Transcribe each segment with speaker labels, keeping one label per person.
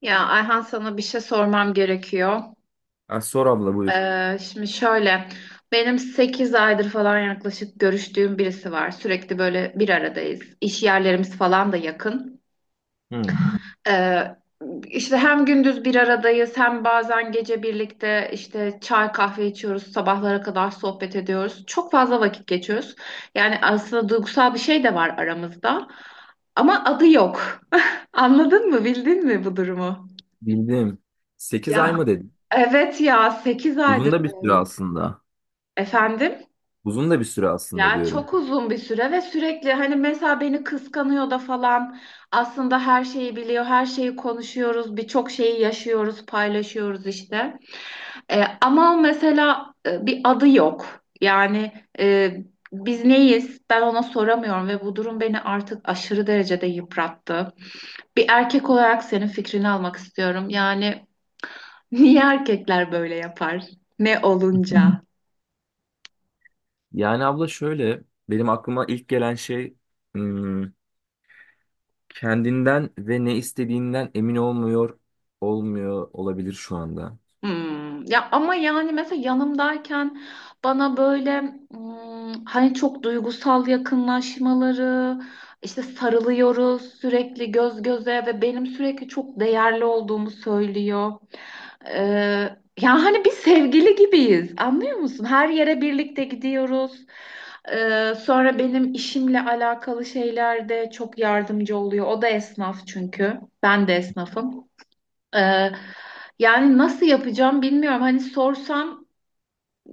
Speaker 1: Ayhan sana bir şey sormam gerekiyor.
Speaker 2: Ha, sor abla, buyur.
Speaker 1: Şimdi şöyle, benim 8 aydır falan yaklaşık görüştüğüm birisi var. Sürekli böyle bir aradayız. İş yerlerimiz falan da yakın.
Speaker 2: Hı.
Speaker 1: Ee, işte hem gündüz bir aradayız hem bazen gece birlikte işte çay kahve içiyoruz. Sabahlara kadar sohbet ediyoruz. Çok fazla vakit geçiyoruz. Yani aslında duygusal bir şey de var aramızda. Ama adı yok. Anladın mı? Bildin mi bu durumu?
Speaker 2: Bildim. 8 ay
Speaker 1: Ya
Speaker 2: mı dedin?
Speaker 1: Evet ya 8
Speaker 2: Uzun
Speaker 1: aydır
Speaker 2: da bir süre
Speaker 1: böyle.
Speaker 2: aslında.
Speaker 1: Efendim?
Speaker 2: Uzun da bir süre aslında
Speaker 1: Ya
Speaker 2: diyorum.
Speaker 1: çok uzun bir süre ve sürekli hani mesela beni kıskanıyor da falan aslında her şeyi biliyor, her şeyi konuşuyoruz, birçok şeyi yaşıyoruz, paylaşıyoruz işte. Ama mesela bir adı yok. Yani e, biz neyiz? Ben ona soramıyorum ve bu durum beni artık aşırı derecede yıprattı. Bir erkek olarak senin fikrini almak istiyorum. Yani niye erkekler böyle yapar? Ne olunca?
Speaker 2: Yani abla, şöyle benim aklıma ilk gelen şey, hmm, kendinden ve ne istediğinden emin olmuyor olabilir şu anda.
Speaker 1: Ya ama yani mesela yanımdayken bana böyle hani çok duygusal yakınlaşmaları işte sarılıyoruz sürekli göz göze ve benim sürekli çok değerli olduğumu söylüyor. Ee, Ya hani bir sevgili gibiyiz anlıyor musun? Her yere birlikte gidiyoruz. Sonra benim işimle alakalı şeylerde çok yardımcı oluyor. O da esnaf çünkü. Ben de esnafım. Ee, Yani nasıl yapacağım bilmiyorum. Hani sorsam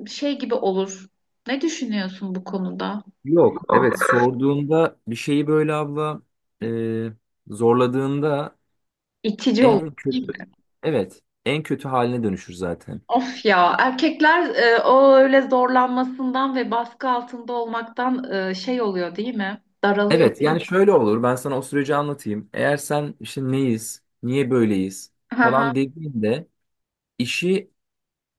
Speaker 1: şey gibi olur. Ne düşünüyorsun bu konuda?
Speaker 2: Yok, evet, sorduğunda bir şeyi böyle abla, e, zorladığında
Speaker 1: İtici
Speaker 2: en
Speaker 1: olur
Speaker 2: kötü,
Speaker 1: değil mi?
Speaker 2: evet, en kötü haline dönüşür zaten.
Speaker 1: Of ya erkekler o öyle zorlanmasından ve baskı altında olmaktan şey oluyor değil mi? Daralıyor
Speaker 2: Evet,
Speaker 1: değil
Speaker 2: yani
Speaker 1: mi?
Speaker 2: şöyle olur, ben sana o süreci anlatayım. Eğer sen işte neyiz, niye böyleyiz
Speaker 1: Hı hı.
Speaker 2: falan dediğinde işi,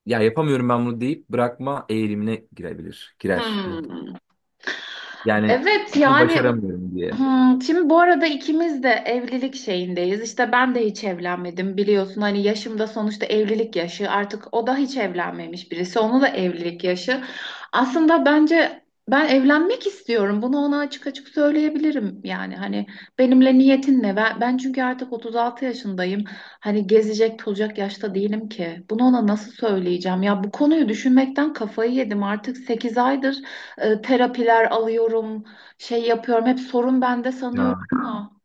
Speaker 2: ya yapamıyorum ben bunu deyip bırakma eğilimine girebilir, girer muhtemelen.
Speaker 1: Hmm.
Speaker 2: Yani
Speaker 1: Evet
Speaker 2: bunu
Speaker 1: yani.
Speaker 2: başaramıyorum diye.
Speaker 1: Şimdi bu arada ikimiz de evlilik şeyindeyiz. İşte ben de hiç evlenmedim biliyorsun. Hani yaşımda sonuçta evlilik yaşı. Artık o da hiç evlenmemiş birisi. Onu da evlilik yaşı. Aslında bence ben evlenmek istiyorum. Bunu ona açık açık söyleyebilirim. Yani hani benimle niyetin ne? Ben çünkü artık 36 yaşındayım. Hani gezecek tozacak yaşta değilim ki. Bunu ona nasıl söyleyeceğim? Ya bu konuyu düşünmekten kafayı yedim. Artık 8 aydır terapiler alıyorum. Şey yapıyorum hep sorun bende sanıyorum
Speaker 2: Ya,
Speaker 1: ama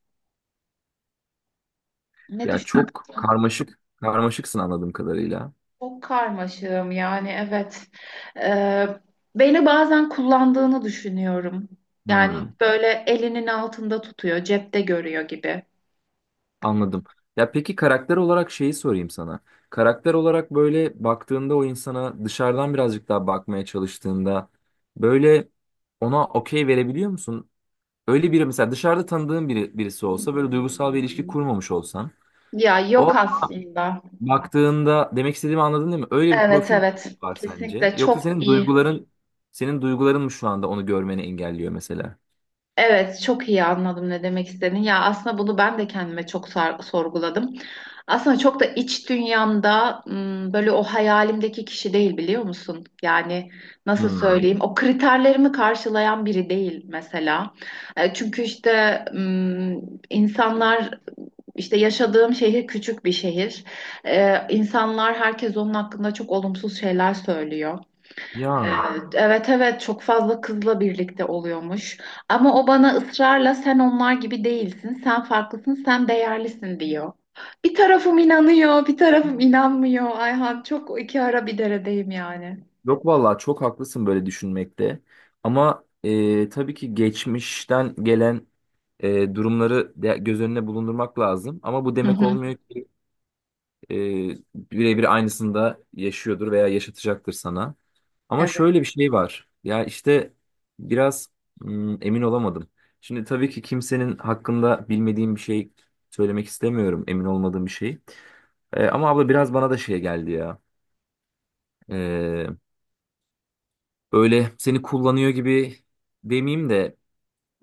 Speaker 1: ne
Speaker 2: ya,
Speaker 1: düşünüyorum
Speaker 2: çok karmaşıksın anladığım kadarıyla.
Speaker 1: çok karmaşığım yani evet. Ee, Beni bazen kullandığını düşünüyorum. Yani
Speaker 2: Hmm,
Speaker 1: böyle elinin altında tutuyor, cepte görüyor gibi.
Speaker 2: anladım. Ya, peki karakter olarak şeyi sorayım sana. Karakter olarak böyle baktığında, o insana dışarıdan birazcık daha bakmaya çalıştığında, böyle ona okey verebiliyor musun? Öyle biri, mesela dışarıda tanıdığın biri, birisi olsa, böyle
Speaker 1: Hmm.
Speaker 2: duygusal bir ilişki kurmamış olsan,
Speaker 1: Ya
Speaker 2: o
Speaker 1: yok aslında.
Speaker 2: baktığında demek istediğimi anladın değil mi? Öyle bir
Speaker 1: Evet
Speaker 2: profil
Speaker 1: evet,
Speaker 2: var sence?
Speaker 1: kesinlikle
Speaker 2: Yoksa
Speaker 1: çok
Speaker 2: senin
Speaker 1: iyi.
Speaker 2: duyguların senin duyguların mı şu anda onu görmeni engelliyor mesela?
Speaker 1: Evet, çok iyi anladım ne demek istediğini. Ya aslında bunu ben de kendime çok sorguladım. Aslında çok da iç dünyamda böyle o hayalimdeki kişi değil biliyor musun? Yani nasıl
Speaker 2: Hmm.
Speaker 1: söyleyeyim? O kriterlerimi karşılayan biri değil mesela. Çünkü işte insanlar işte yaşadığım şehir küçük bir şehir. İnsanlar herkes onun hakkında çok olumsuz şeyler söylüyor. Ee,
Speaker 2: Ya,
Speaker 1: Evet evet, çok fazla kızla birlikte oluyormuş. Ama o bana ısrarla sen onlar gibi değilsin, sen farklısın, sen değerlisin diyor. Bir tarafım inanıyor, bir tarafım inanmıyor. Ayhan çok iki ara bir deredeyim yani.
Speaker 2: yok vallahi çok haklısın böyle düşünmekte. Ama tabii ki geçmişten gelen durumları göz önüne bulundurmak lazım. Ama bu
Speaker 1: Hı
Speaker 2: demek
Speaker 1: hı.
Speaker 2: olmuyor ki e, birebir aynısını da yaşıyordur veya yaşatacaktır sana. Ama
Speaker 1: Evet.
Speaker 2: şöyle bir şey var. Ya işte biraz emin olamadım. Şimdi tabii ki kimsenin hakkında bilmediğim bir şey söylemek istemiyorum. Emin olmadığım bir şey. Ama abla biraz bana da şey geldi ya. E, Böyle seni kullanıyor gibi demeyeyim de,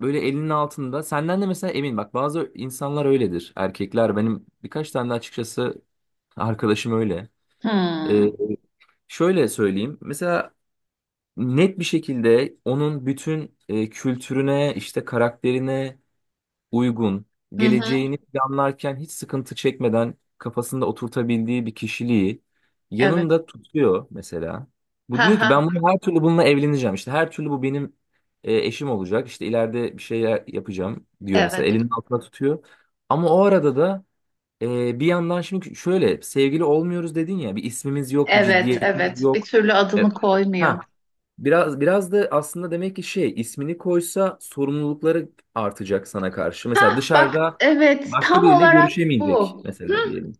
Speaker 2: böyle elinin altında. Senden de mesela emin. Bak, bazı insanlar öyledir. Erkekler, benim birkaç tane de açıkçası arkadaşım öyle. E,
Speaker 1: Hmm.
Speaker 2: Şöyle söyleyeyim. Mesela net bir şekilde onun bütün kültürüne, işte karakterine uygun,
Speaker 1: Hı hı.
Speaker 2: geleceğini planlarken hiç sıkıntı çekmeden kafasında oturtabildiği bir kişiliği
Speaker 1: Evet.
Speaker 2: yanında tutuyor mesela. Bu
Speaker 1: Ha
Speaker 2: diyor ki,
Speaker 1: ha.
Speaker 2: ben bunu her türlü, bununla evleneceğim. İşte her türlü bu benim eşim olacak. İşte ileride bir şey yapacağım diyor
Speaker 1: Evet.
Speaker 2: mesela. Elinin altına tutuyor. Ama o arada da bir yandan, şimdi şöyle sevgili olmuyoruz dedin ya, bir ismimiz yok, bir
Speaker 1: Evet,
Speaker 2: ciddiyetimiz
Speaker 1: evet. Bir
Speaker 2: yok.
Speaker 1: türlü
Speaker 2: E,
Speaker 1: adını koymuyor.
Speaker 2: ha biraz da aslında demek ki, şey, ismini koysa sorumlulukları artacak sana karşı. Mesela
Speaker 1: Ha bak,
Speaker 2: dışarıda
Speaker 1: evet,
Speaker 2: başka
Speaker 1: tam
Speaker 2: biriyle
Speaker 1: olarak
Speaker 2: görüşemeyecek
Speaker 1: bu.
Speaker 2: mesela diyelim.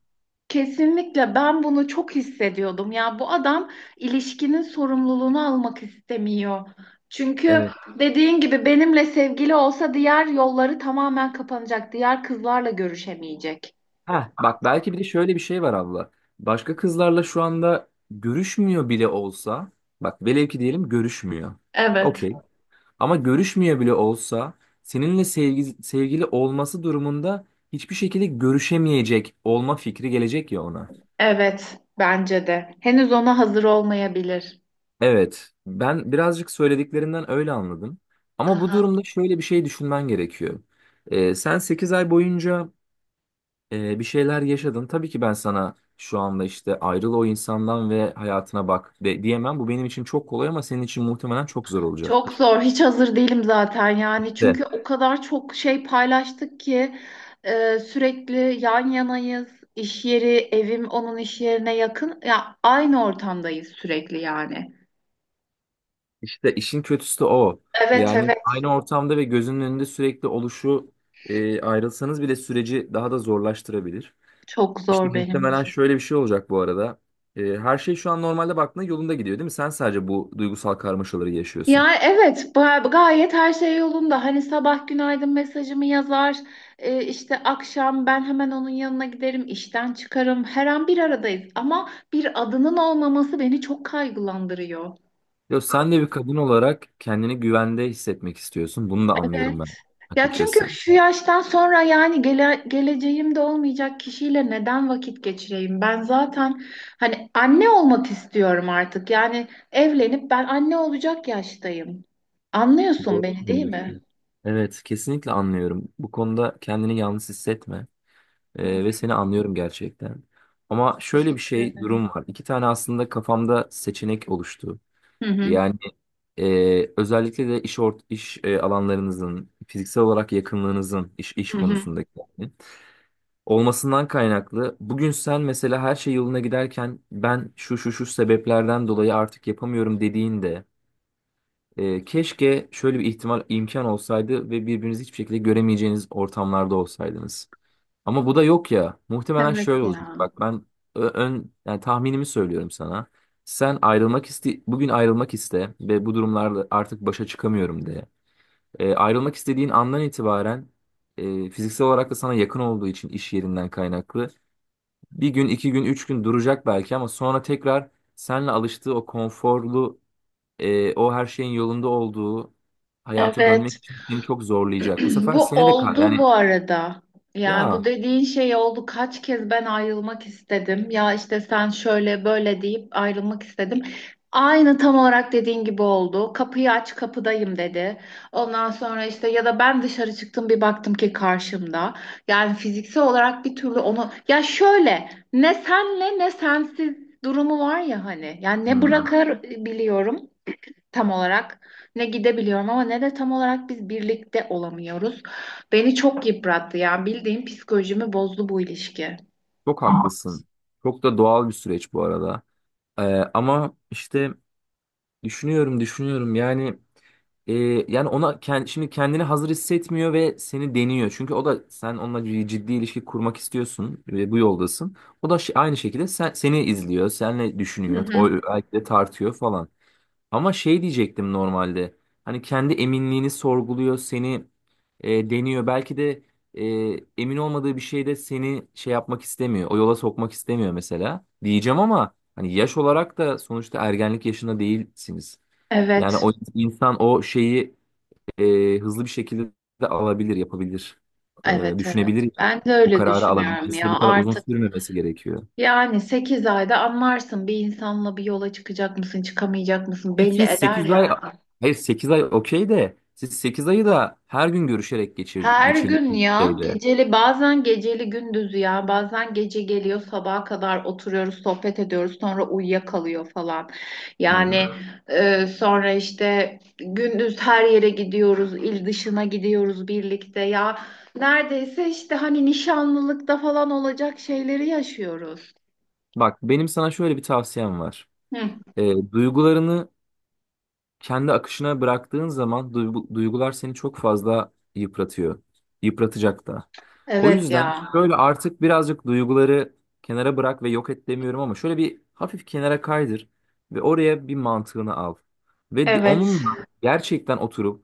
Speaker 1: Kesinlikle ben bunu çok hissediyordum. Ya bu adam ilişkinin sorumluluğunu almak istemiyor. Çünkü
Speaker 2: Evet.
Speaker 1: dediğin gibi benimle sevgili olsa diğer yolları tamamen kapanacak. Diğer kızlarla görüşemeyecek.
Speaker 2: Ha, bak belki bir de şöyle bir şey var abla. Başka kızlarla şu anda görüşmüyor bile olsa, bak velev ki diyelim görüşmüyor.
Speaker 1: Evet.
Speaker 2: Okey. Ama görüşmüyor bile olsa, seninle sevgili olması durumunda hiçbir şekilde görüşemeyecek olma fikri gelecek ya ona.
Speaker 1: Evet, bence de. Henüz ona hazır olmayabilir.
Speaker 2: Evet, ben birazcık söylediklerinden öyle anladım. Ama bu
Speaker 1: Aha.
Speaker 2: durumda şöyle bir şey düşünmen gerekiyor. Sen 8 ay boyunca bir şeyler yaşadın. Tabii ki ben sana şu anda, işte ayrıl o insandan ve hayatına bak de, diyemem. Bu benim için çok kolay ama senin için muhtemelen çok zor
Speaker 1: Çok
Speaker 2: olacaktır.
Speaker 1: zor. Hiç hazır değilim zaten yani.
Speaker 2: İşte,
Speaker 1: Çünkü o kadar çok şey paylaştık ki sürekli yan yanayız. İş yeri, evim onun iş yerine yakın. Ya aynı ortamdayız sürekli yani.
Speaker 2: İşte işin kötüsü de o.
Speaker 1: Evet
Speaker 2: Yani
Speaker 1: evet.
Speaker 2: aynı ortamda ve gözünün önünde sürekli oluşu ayrılsanız bile süreci daha da zorlaştırabilir.
Speaker 1: Çok
Speaker 2: İşte
Speaker 1: zor benim
Speaker 2: muhtemelen
Speaker 1: için.
Speaker 2: şöyle bir şey olacak bu arada. Her şey şu an normalde baktığında yolunda gidiyor değil mi? Sen sadece bu duygusal karmaşaları yaşıyorsun.
Speaker 1: Yani evet, gayet her şey yolunda. Hani sabah günaydın mesajımı yazar. İşte akşam ben hemen onun yanına giderim. İşten çıkarım. Her an bir aradayız. Ama bir adının olmaması beni çok kaygılandırıyor.
Speaker 2: Ya sen de bir kadın olarak kendini güvende hissetmek istiyorsun. Bunu da
Speaker 1: Evet.
Speaker 2: anlıyorum ben,
Speaker 1: Ya çünkü
Speaker 2: açıkçası.
Speaker 1: şu yaştan sonra yani geleceğimde olmayacak kişiyle neden vakit geçireyim? Ben zaten hani anne olmak istiyorum artık. Yani evlenip ben anne olacak yaştayım. Anlıyorsun
Speaker 2: Doğru
Speaker 1: beni değil mi?
Speaker 2: söylüyorsun. Evet, kesinlikle anlıyorum. Bu konuda kendini yalnız hissetme. Ve seni anlıyorum gerçekten. Ama şöyle bir
Speaker 1: Teşekkür
Speaker 2: şey
Speaker 1: ederim.
Speaker 2: durum var. İki tane aslında kafamda seçenek oluştu.
Speaker 1: Hı hı.
Speaker 2: Yani özellikle de iş ort iş alanlarınızın fiziksel olarak yakınlığınızın iş
Speaker 1: Hı hı.
Speaker 2: konusundaki yani, olmasından kaynaklı. Bugün sen mesela, her şey yoluna giderken, ben şu şu şu sebeplerden dolayı artık yapamıyorum dediğinde, keşke şöyle bir ihtimal, imkan olsaydı ve birbirinizi hiçbir şekilde göremeyeceğiniz ortamlarda olsaydınız. Ama bu da yok ya. Muhtemelen
Speaker 1: Evet
Speaker 2: şöyle olacak.
Speaker 1: ya.
Speaker 2: Bak ben ön, yani tahminimi söylüyorum sana. Sen ayrılmak iste, bugün ayrılmak iste ve bu durumlarla artık başa çıkamıyorum de. Ayrılmak istediğin andan itibaren, fiziksel olarak da sana yakın olduğu için, iş yerinden kaynaklı. Bir gün, 2 gün, 3 gün duracak belki, ama sonra tekrar seninle alıştığı o konforlu, o her şeyin yolunda olduğu hayata
Speaker 1: Evet.
Speaker 2: dönmek için seni çok zorlayacak. Bu sefer
Speaker 1: Bu
Speaker 2: seni de
Speaker 1: oldu
Speaker 2: yani
Speaker 1: bu arada. Yani bu
Speaker 2: ya
Speaker 1: dediğin şey oldu. Kaç kez ben ayrılmak istedim. Ya işte sen şöyle böyle deyip ayrılmak istedim. Aynı tam olarak dediğin gibi oldu. Kapıyı aç kapıdayım dedi. Ondan sonra işte ya da ben dışarı çıktım bir baktım ki karşımda. Yani fiziksel olarak bir türlü onu ya şöyle, ne senle ne sensiz durumu var ya hani. Yani ne
Speaker 2: hmm.
Speaker 1: bırakabiliyorum tam olarak, ne gidebiliyorum ama ne de tam olarak biz birlikte olamıyoruz. Beni çok yıprattı ya. Bildiğim psikolojimi bozdu bu ilişki.
Speaker 2: Çok haklısın. Çok da doğal bir süreç bu arada. Ee, Ama işte düşünüyorum. Yani e, yani ona şimdi kendini hazır hissetmiyor ve seni deniyor. Çünkü o da, sen onunla ciddi ilişki kurmak istiyorsun ve bu yoldasın. O da aynı şekilde sen, seni izliyor, seninle
Speaker 1: Hı
Speaker 2: düşünüyor,
Speaker 1: hı.
Speaker 2: o belki de tartıyor falan. Ama şey diyecektim normalde. Hani kendi eminliğini sorguluyor, seni deniyor. Belki de emin olmadığı bir şeyde seni şey yapmak istemiyor, o yola sokmak istemiyor mesela. Diyeceğim ama hani yaş olarak da sonuçta ergenlik yaşında değilsiniz. Yani
Speaker 1: Evet,
Speaker 2: o insan o şeyi hızlı bir şekilde de alabilir, yapabilir.
Speaker 1: evet, evet.
Speaker 2: Düşünebilir, yani.
Speaker 1: Ben de
Speaker 2: O
Speaker 1: öyle
Speaker 2: kararı
Speaker 1: düşünüyorum
Speaker 2: alabilmesi de bu
Speaker 1: ya
Speaker 2: kadar uzun
Speaker 1: artık.
Speaker 2: sürmemesi gerekiyor.
Speaker 1: Yani 8 ayda anlarsın bir insanla bir yola çıkacak mısın, çıkamayacak mısın belli
Speaker 2: Siz
Speaker 1: eder
Speaker 2: 8 ay,
Speaker 1: yani.
Speaker 2: hayır, 8 ay okey, de siz 8 ayı da her gün görüşerek geçir
Speaker 1: Her gün
Speaker 2: geçirdiğiniz
Speaker 1: ya
Speaker 2: şeyde.
Speaker 1: geceli, bazen geceli gündüzü, ya bazen gece geliyor sabaha kadar oturuyoruz sohbet ediyoruz sonra uyuyakalıyor falan. Yani
Speaker 2: Hmm.
Speaker 1: e, sonra işte gündüz her yere gidiyoruz, il dışına gidiyoruz birlikte ya, neredeyse işte hani nişanlılıkta falan olacak şeyleri yaşıyoruz.
Speaker 2: Bak benim sana şöyle bir tavsiyem var.
Speaker 1: Hı,
Speaker 2: Duygularını kendi akışına bıraktığın zaman, duygular seni çok fazla yıpratıyor. Yıpratacak da. O
Speaker 1: evet
Speaker 2: yüzden
Speaker 1: ya,
Speaker 2: şöyle artık birazcık duyguları kenara bırak, ve yok et demiyorum, ama şöyle bir hafif kenara kaydır ve oraya bir mantığını al. Ve
Speaker 1: evet,
Speaker 2: onunla gerçekten oturup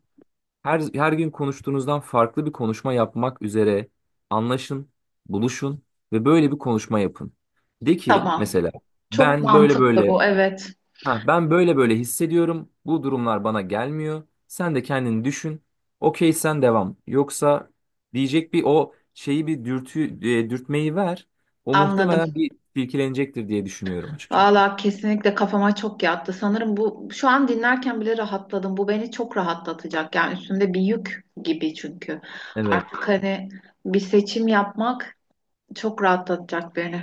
Speaker 2: her gün konuştuğunuzdan farklı bir konuşma yapmak üzere anlaşın, buluşun ve böyle bir konuşma yapın. De ki
Speaker 1: tamam,
Speaker 2: mesela,
Speaker 1: çok
Speaker 2: ben böyle
Speaker 1: mantıklı
Speaker 2: böyle,
Speaker 1: bu, evet,
Speaker 2: ha, ben böyle böyle hissediyorum. Bu durumlar bana gelmiyor. Sen de kendini düşün. Okey, sen devam. Yoksa diyecek, bir o şeyi, bir dürtü, dürtmeyi ver. O
Speaker 1: anladım.
Speaker 2: muhtemelen bir silkelenecektir diye düşünüyorum açıkçası.
Speaker 1: Valla kesinlikle kafama çok yattı. Sanırım bu şu an dinlerken bile rahatladım. Bu beni çok rahatlatacak. Yani üstümde bir yük gibi çünkü.
Speaker 2: Evet.
Speaker 1: Artık hani bir seçim yapmak çok rahatlatacak beni.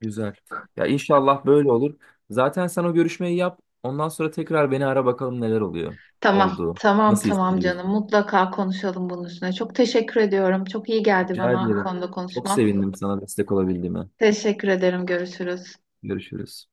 Speaker 2: Güzel. Ya inşallah böyle olur. Zaten sen o görüşmeyi yap. Ondan sonra tekrar beni ara, bakalım neler oluyor.
Speaker 1: Tamam,
Speaker 2: Oldu.
Speaker 1: tamam,
Speaker 2: Nasıl
Speaker 1: tamam canım.
Speaker 2: hissediyorsun?
Speaker 1: Mutlaka konuşalım bunun üstüne. Çok teşekkür ediyorum. Çok iyi geldi
Speaker 2: Rica
Speaker 1: bana bu
Speaker 2: ederim.
Speaker 1: konuda
Speaker 2: Çok
Speaker 1: konuşman.
Speaker 2: sevindim sana destek olabildiğime.
Speaker 1: Teşekkür ederim. Görüşürüz.
Speaker 2: Görüşürüz.